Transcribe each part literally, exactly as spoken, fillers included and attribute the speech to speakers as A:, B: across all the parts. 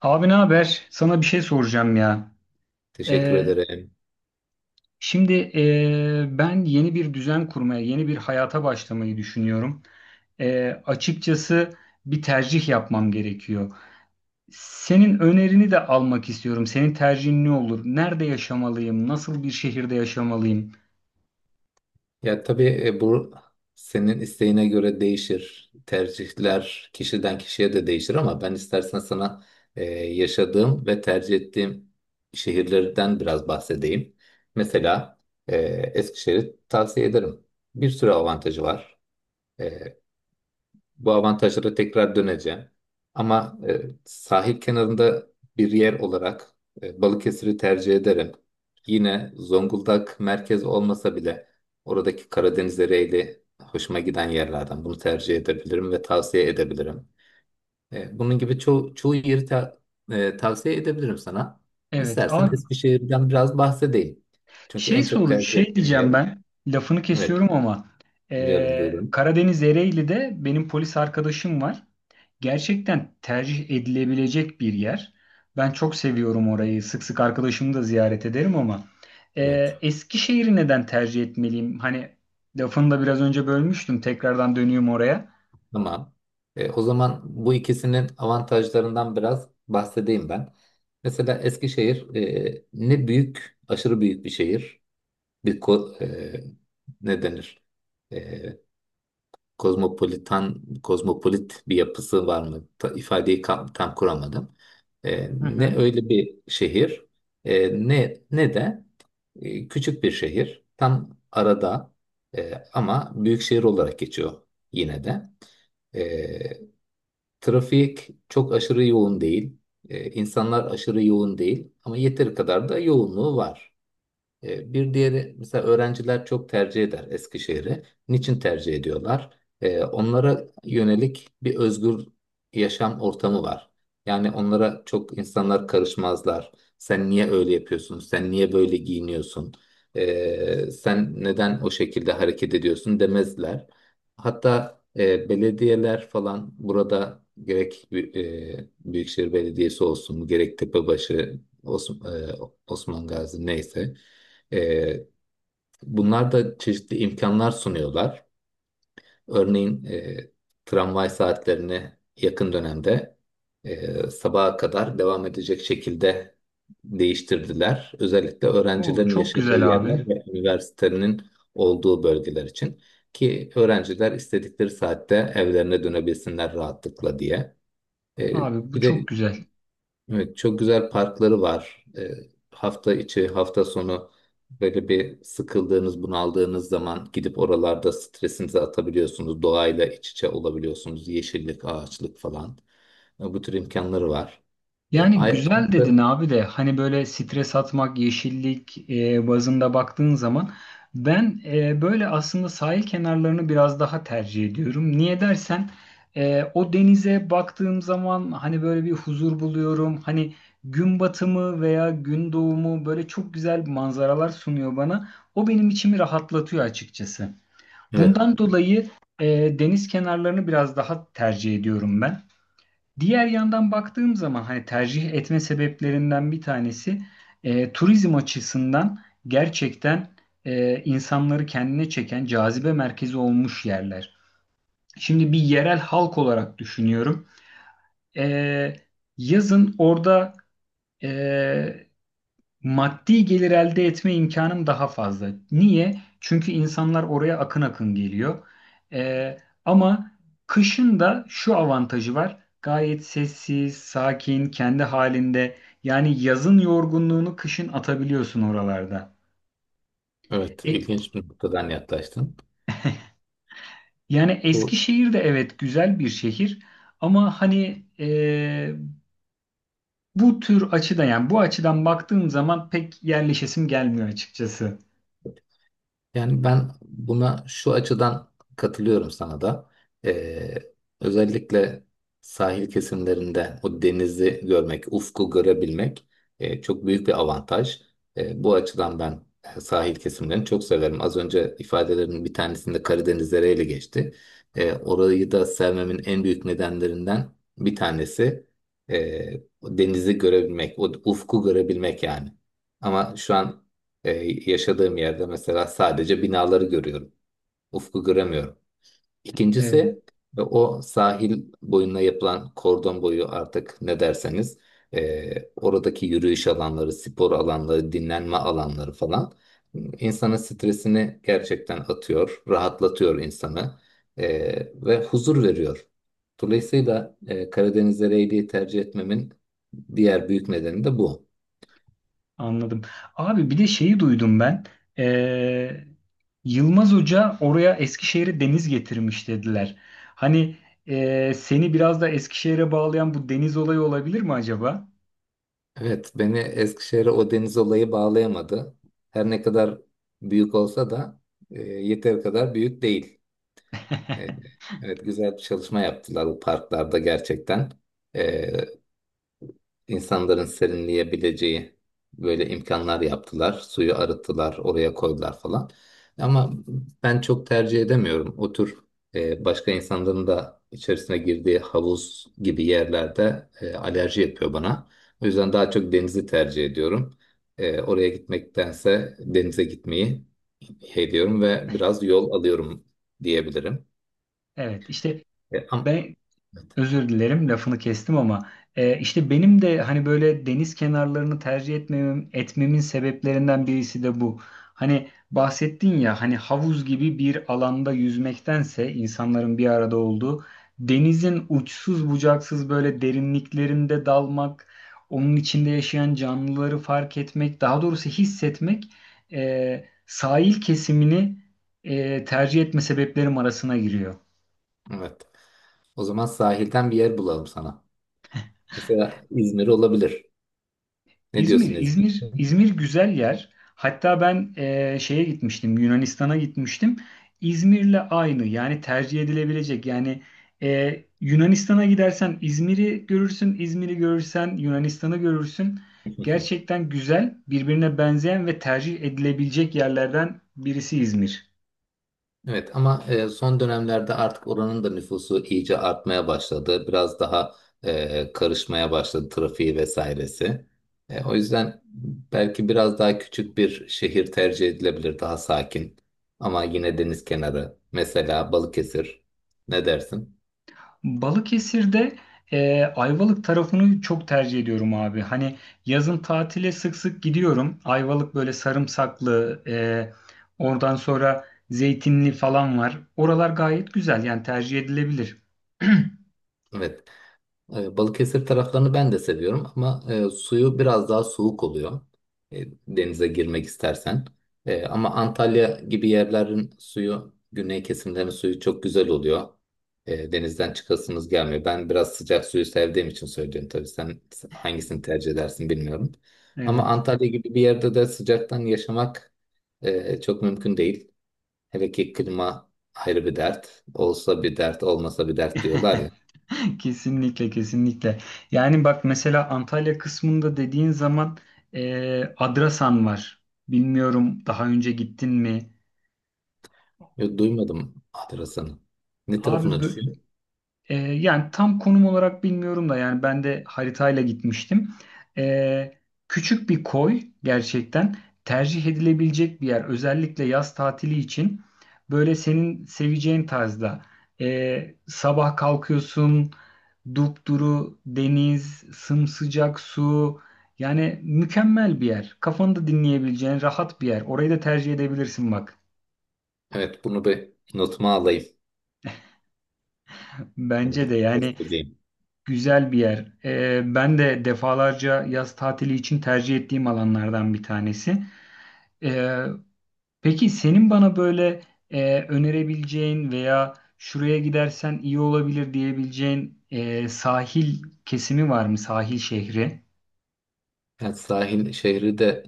A: Abi ne haber? Sana bir şey soracağım ya.
B: Teşekkür
A: Ee,
B: ederim.
A: Şimdi ee, ben yeni bir düzen kurmaya, yeni bir hayata başlamayı düşünüyorum. Ee, açıkçası bir tercih yapmam gerekiyor. Senin önerini de almak istiyorum. Senin tercihin ne olur? Nerede yaşamalıyım? Nasıl bir şehirde yaşamalıyım?
B: Ya tabii e, bu senin isteğine göre değişir. Tercihler kişiden kişiye de değişir ama ben istersen sana e, yaşadığım ve tercih ettiğim şehirlerden biraz bahsedeyim. Mesela e, Eskişehir'i tavsiye ederim. Bir sürü avantajı var. E, Bu avantajlara tekrar döneceğim. Ama e, sahil kenarında bir yer olarak e, Balıkesir'i tercih ederim. Yine Zonguldak merkez olmasa bile oradaki Karadeniz Ereğli hoşuma giden yerlerden bunu tercih edebilirim ve tavsiye edebilirim. E, bunun gibi ço çoğu yeri ta- e, tavsiye edebilirim sana.
A: Evet,
B: İstersen
A: abi.
B: Eskişehir'den biraz bahsedeyim. Çünkü
A: Şey
B: en çok
A: soru,
B: tercih
A: şey
B: ettiğim
A: diyeceğim
B: yer.
A: ben. Lafını
B: Evet,
A: kesiyorum ama
B: dinliyorum
A: eee,
B: buyurun.
A: Karadeniz Ereğli'de benim polis arkadaşım var. Gerçekten tercih edilebilecek bir yer. Ben çok seviyorum orayı. Sık sık arkadaşımı da ziyaret ederim ama
B: Evet.
A: eee Eskişehir'i neden tercih etmeliyim? Hani lafını da biraz önce bölmüştüm. Tekrardan dönüyorum oraya.
B: Tamam. E, o zaman bu ikisinin avantajlarından biraz bahsedeyim ben. Mesela Eskişehir e, ne büyük, aşırı büyük bir şehir. Bir ko- e, ne denir? E, kozmopolitan, kozmopolit bir yapısı var mı? Ta- ifadeyi kam- tam kuramadım. E,
A: Hı hı.
B: ne öyle bir şehir, e, ne ne de e, küçük bir şehir. Tam arada e, ama büyük şehir olarak geçiyor yine de. E, Trafik çok aşırı yoğun değil. Ee, insanlar aşırı yoğun değil. Ama yeteri kadar da yoğunluğu var. E, Bir diğeri mesela öğrenciler çok tercih eder Eskişehir'i. Niçin tercih ediyorlar? E, onlara yönelik bir özgür yaşam ortamı var. Yani onlara çok insanlar karışmazlar. Sen niye öyle yapıyorsun? Sen niye böyle giyiniyorsun? E, sen neden o şekilde hareket ediyorsun demezler. Hatta e, belediyeler falan burada gerek Bü- e, Büyükşehir Belediyesi olsun, gerek Tepebaşı, Osman, Osman Gazi neyse. E, bunlar da çeşitli imkanlar sunuyorlar. Örneğin e, tramvay saatlerini yakın dönemde e, sabaha kadar devam edecek şekilde değiştirdiler. Özellikle
A: Oo,
B: öğrencilerin
A: çok
B: yaşadığı
A: güzel abi.
B: yerler ve üniversitenin olduğu bölgeler için ki öğrenciler istedikleri saatte evlerine dönebilsinler rahatlıkla diye. E,
A: Abi bu
B: bir de
A: çok güzel.
B: evet, çok güzel parkları var. Ee, hafta içi, hafta sonu böyle bir sıkıldığınız, bunaldığınız zaman gidip oralarda stresinizi atabiliyorsunuz. Doğayla iç içe olabiliyorsunuz. Yeşillik, ağaçlık falan. Ee, bu tür imkanları var. Ee,
A: Yani
B: ay-
A: güzel dedin
B: artı-
A: abi de hani böyle stres atmak, yeşillik e, bazında baktığın zaman ben, e, böyle aslında sahil kenarlarını biraz daha tercih ediyorum. Niye dersen e, o denize baktığım zaman hani böyle bir huzur buluyorum. Hani gün batımı veya gün doğumu böyle çok güzel manzaralar sunuyor bana. O benim içimi rahatlatıyor açıkçası.
B: evet,
A: Bundan dolayı e, deniz kenarlarını biraz daha tercih ediyorum ben. Diğer yandan baktığım zaman hani tercih etme sebeplerinden bir tanesi e, turizm açısından gerçekten e, insanları kendine çeken cazibe merkezi olmuş yerler. Şimdi bir yerel halk olarak düşünüyorum. E, Yazın orada e, maddi gelir elde etme imkanım daha fazla. Niye? Çünkü insanlar oraya akın akın geliyor. Ee, Ama kışın da şu avantajı var. Gayet sessiz, sakin, kendi halinde. Yani yazın yorgunluğunu kışın atabiliyorsun oralarda.
B: evet,
A: E,
B: ilginç bir noktadan yaklaştın.
A: Yani
B: Bu
A: Eskişehir de evet güzel bir şehir. Ama hani, e, bu tür açıdan yani bu açıdan baktığım zaman pek yerleşesim gelmiyor açıkçası.
B: Yani ben buna şu açıdan katılıyorum sana da. Ee, özellikle sahil kesimlerinde o denizi görmek, ufku görebilmek e, çok büyük bir avantaj. E, bu açıdan ben e, sahil kesimlerini çok severim. Az önce ifadelerin bir tanesinde Karadeniz ile geçti. E, orayı da sevmemin en büyük nedenlerinden bir tanesi e, o denizi görebilmek, o ufku görebilmek yani. Ama şu an e, yaşadığım yerde mesela sadece binaları görüyorum. Ufku göremiyorum.
A: Evet.
B: İkincisi e, o sahil boyuna yapılan kordon boyu artık ne derseniz e, oradaki yürüyüş alanları, spor alanları, dinlenme alanları falan insanın stresini gerçekten atıyor, rahatlatıyor insanı e, ve huzur veriyor. Dolayısıyla e, Karadeniz'e reyliği tercih etmemin diğer büyük nedeni de bu.
A: Anladım. Abi bir de şeyi duydum ben. Ee, Yılmaz Hoca oraya Eskişehir'e deniz getirmiş dediler. Hani ee, seni biraz da Eskişehir'e bağlayan bu deniz olayı olabilir mi acaba?
B: Evet, beni Eskişehir'e o deniz olayı bağlayamadı. Her ne kadar büyük olsa da e, yeteri kadar büyük değil. E, evet, güzel bir çalışma yaptılar bu parklarda gerçekten. E, insanların serinleyebileceği böyle imkanlar yaptılar. Suyu arıttılar, oraya koydular falan. Ama ben çok tercih edemiyorum. O tür e, başka insanların da içerisine girdiği havuz gibi yerlerde e, alerji yapıyor bana. O yüzden daha çok denizi tercih ediyorum. E, oraya gitmektense denize gitmeyi ediyorum ve biraz yol alıyorum diyebilirim.
A: Evet, işte
B: E, ama,
A: ben
B: evet.
A: Özür dilerim, lafını kestim ama e, işte benim de hani böyle deniz kenarlarını tercih etmemem, etmemin sebeplerinden birisi de bu. Hani bahsettin ya, hani havuz gibi bir alanda yüzmektense insanların bir arada olduğu denizin uçsuz bucaksız böyle derinliklerinde dalmak, onun içinde yaşayan canlıları fark etmek, daha doğrusu hissetmek e, sahil kesimini e, tercih etme sebeplerim arasına giriyor.
B: Evet. O zaman sahilden bir yer bulalım sana. Mesela İzmir olabilir. Ne diyorsun
A: İzmir,
B: Ezgi?
A: İzmir, İzmir güzel yer. Hatta ben eee, şeye gitmiştim, Yunanistan'a gitmiştim. İzmir'le aynı, yani tercih edilebilecek. Yani eee, Yunanistan'a gidersen İzmir'i görürsün, İzmir'i görürsen Yunanistan'ı görürsün. Gerçekten güzel, birbirine benzeyen ve tercih edilebilecek yerlerden birisi İzmir.
B: Evet ama e, son dönemlerde artık oranın da nüfusu iyice artmaya başladı. Biraz daha e, karışmaya başladı trafiği vesairesi. E, o yüzden belki biraz daha küçük bir şehir tercih edilebilir, daha sakin. Ama yine deniz kenarı, mesela Balıkesir. Ne dersin?
A: Balıkesir'de, e, Ayvalık tarafını çok tercih ediyorum abi. Hani yazın tatile sık sık gidiyorum. Ayvalık böyle sarımsaklı, e, oradan sonra zeytinli falan var. Oralar gayet güzel, yani tercih edilebilir.
B: Evet. E, Balıkesir taraflarını ben de seviyorum ama e, suyu biraz daha soğuk oluyor. E, denize girmek istersen. E, ama Antalya gibi yerlerin suyu, güney kesimlerin suyu çok güzel oluyor. E, denizden çıkasınız gelmiyor. Ben biraz sıcak suyu sevdiğim için söylüyorum tabii. Sen hangisini tercih edersin bilmiyorum. Ama
A: Evet.
B: Antalya gibi bir yerde de sıcaktan yaşamak e, çok mümkün değil. Hele ki klima ayrı bir dert. Olsa bir dert, olmasa bir dert diyorlar ya.
A: Kesinlikle, kesinlikle. Yani bak, mesela Antalya kısmında dediğin zaman, e, Adrasan var. Bilmiyorum, daha önce gittin mi?
B: Yok, duymadım Adrasan'ı. Ne
A: Abi
B: tarafına
A: bö-
B: düşüyor?
A: Ee, yani tam konum olarak bilmiyorum da, yani ben de haritayla gitmiştim. Ee, Küçük bir koy, gerçekten tercih edilebilecek bir yer. Özellikle yaz tatili için böyle senin seveceğin tarzda. Ee, sabah kalkıyorsun, dupduru deniz, sımsıcak su. Yani mükemmel bir yer. Kafanı da dinleyebileceğin rahat bir yer. Orayı da tercih edebilirsin bak.
B: Evet, bunu bir notuma alayım. Bunu
A: Bence
B: bir
A: de yani
B: testleyeyim.
A: güzel bir yer. Ee, ben de defalarca yaz tatili için tercih ettiğim alanlardan bir tanesi. Ee, peki senin bana böyle e, önerebileceğin veya şuraya gidersen iyi olabilir diyebileceğin e, sahil kesimi var mı? Sahil şehri
B: Yani sahil şehri de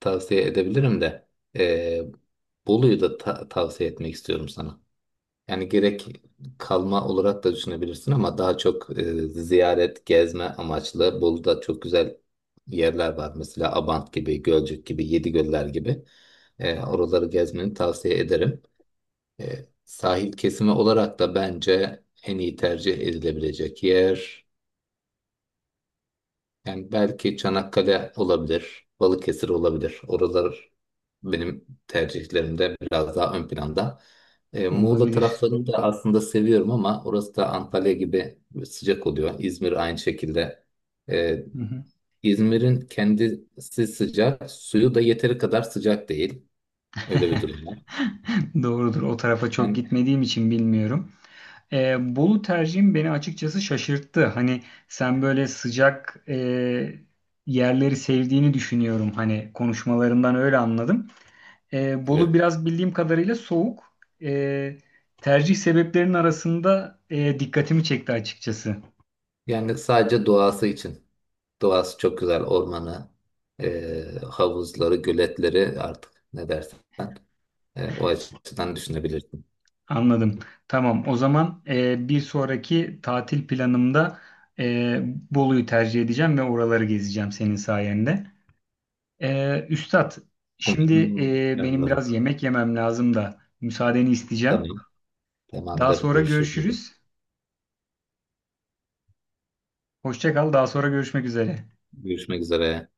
B: tavsiye edebilirim de eee, Bolu'yu da ta- tavsiye etmek istiyorum sana. Yani gerek kalma olarak da düşünebilirsin ama daha çok eee, ziyaret, gezme amaçlı. Bolu'da çok güzel yerler var. Mesela Abant gibi, Gölcük gibi, Yedigöller gibi. Eee, oraları gezmeni tavsiye ederim. E, sahil kesimi olarak da bence en iyi tercih edilebilecek yer. Yani belki Çanakkale olabilir, Balıkesir olabilir. Oralar benim tercihlerimde biraz daha ön planda. E, Muğla
A: olabilir.
B: taraflarını da aslında seviyorum ama orası da Antalya gibi sıcak oluyor. İzmir aynı şekilde. E,
A: Hı hı.
B: İzmir'in kendisi sıcak, suyu da yeteri kadar sıcak değil. Öyle bir durum var.
A: Doğrudur. O tarafa çok
B: Yani
A: gitmediğim için bilmiyorum. E, Bolu tercihim beni açıkçası şaşırttı. Hani sen böyle sıcak, e, yerleri sevdiğini düşünüyorum. Hani konuşmalarından öyle anladım. E, Bolu
B: evet.
A: biraz bildiğim kadarıyla soğuk. E, Tercih sebeplerinin arasında, e, dikkatimi çekti açıkçası.
B: Yani sadece doğası için. Doğası çok güzel. Ormanı, e, havuzları, göletleri artık ne dersen e, o açıdan düşünebilirsin.
A: Anladım. Tamam. O zaman e, bir sonraki tatil planımda e, Bolu'yu tercih edeceğim ve oraları gezeceğim senin sayende. Ee, Üstad, şimdi
B: Umarım
A: e, benim
B: yanılırım.
A: biraz yemek yemem lazım da müsaadeni isteyeceğim.
B: Tamam.
A: Daha
B: Tamamdır.
A: sonra
B: Görüşürüz.
A: görüşürüz. Hoşça kal, daha sonra görüşmek üzere.
B: Görüşmek üzere.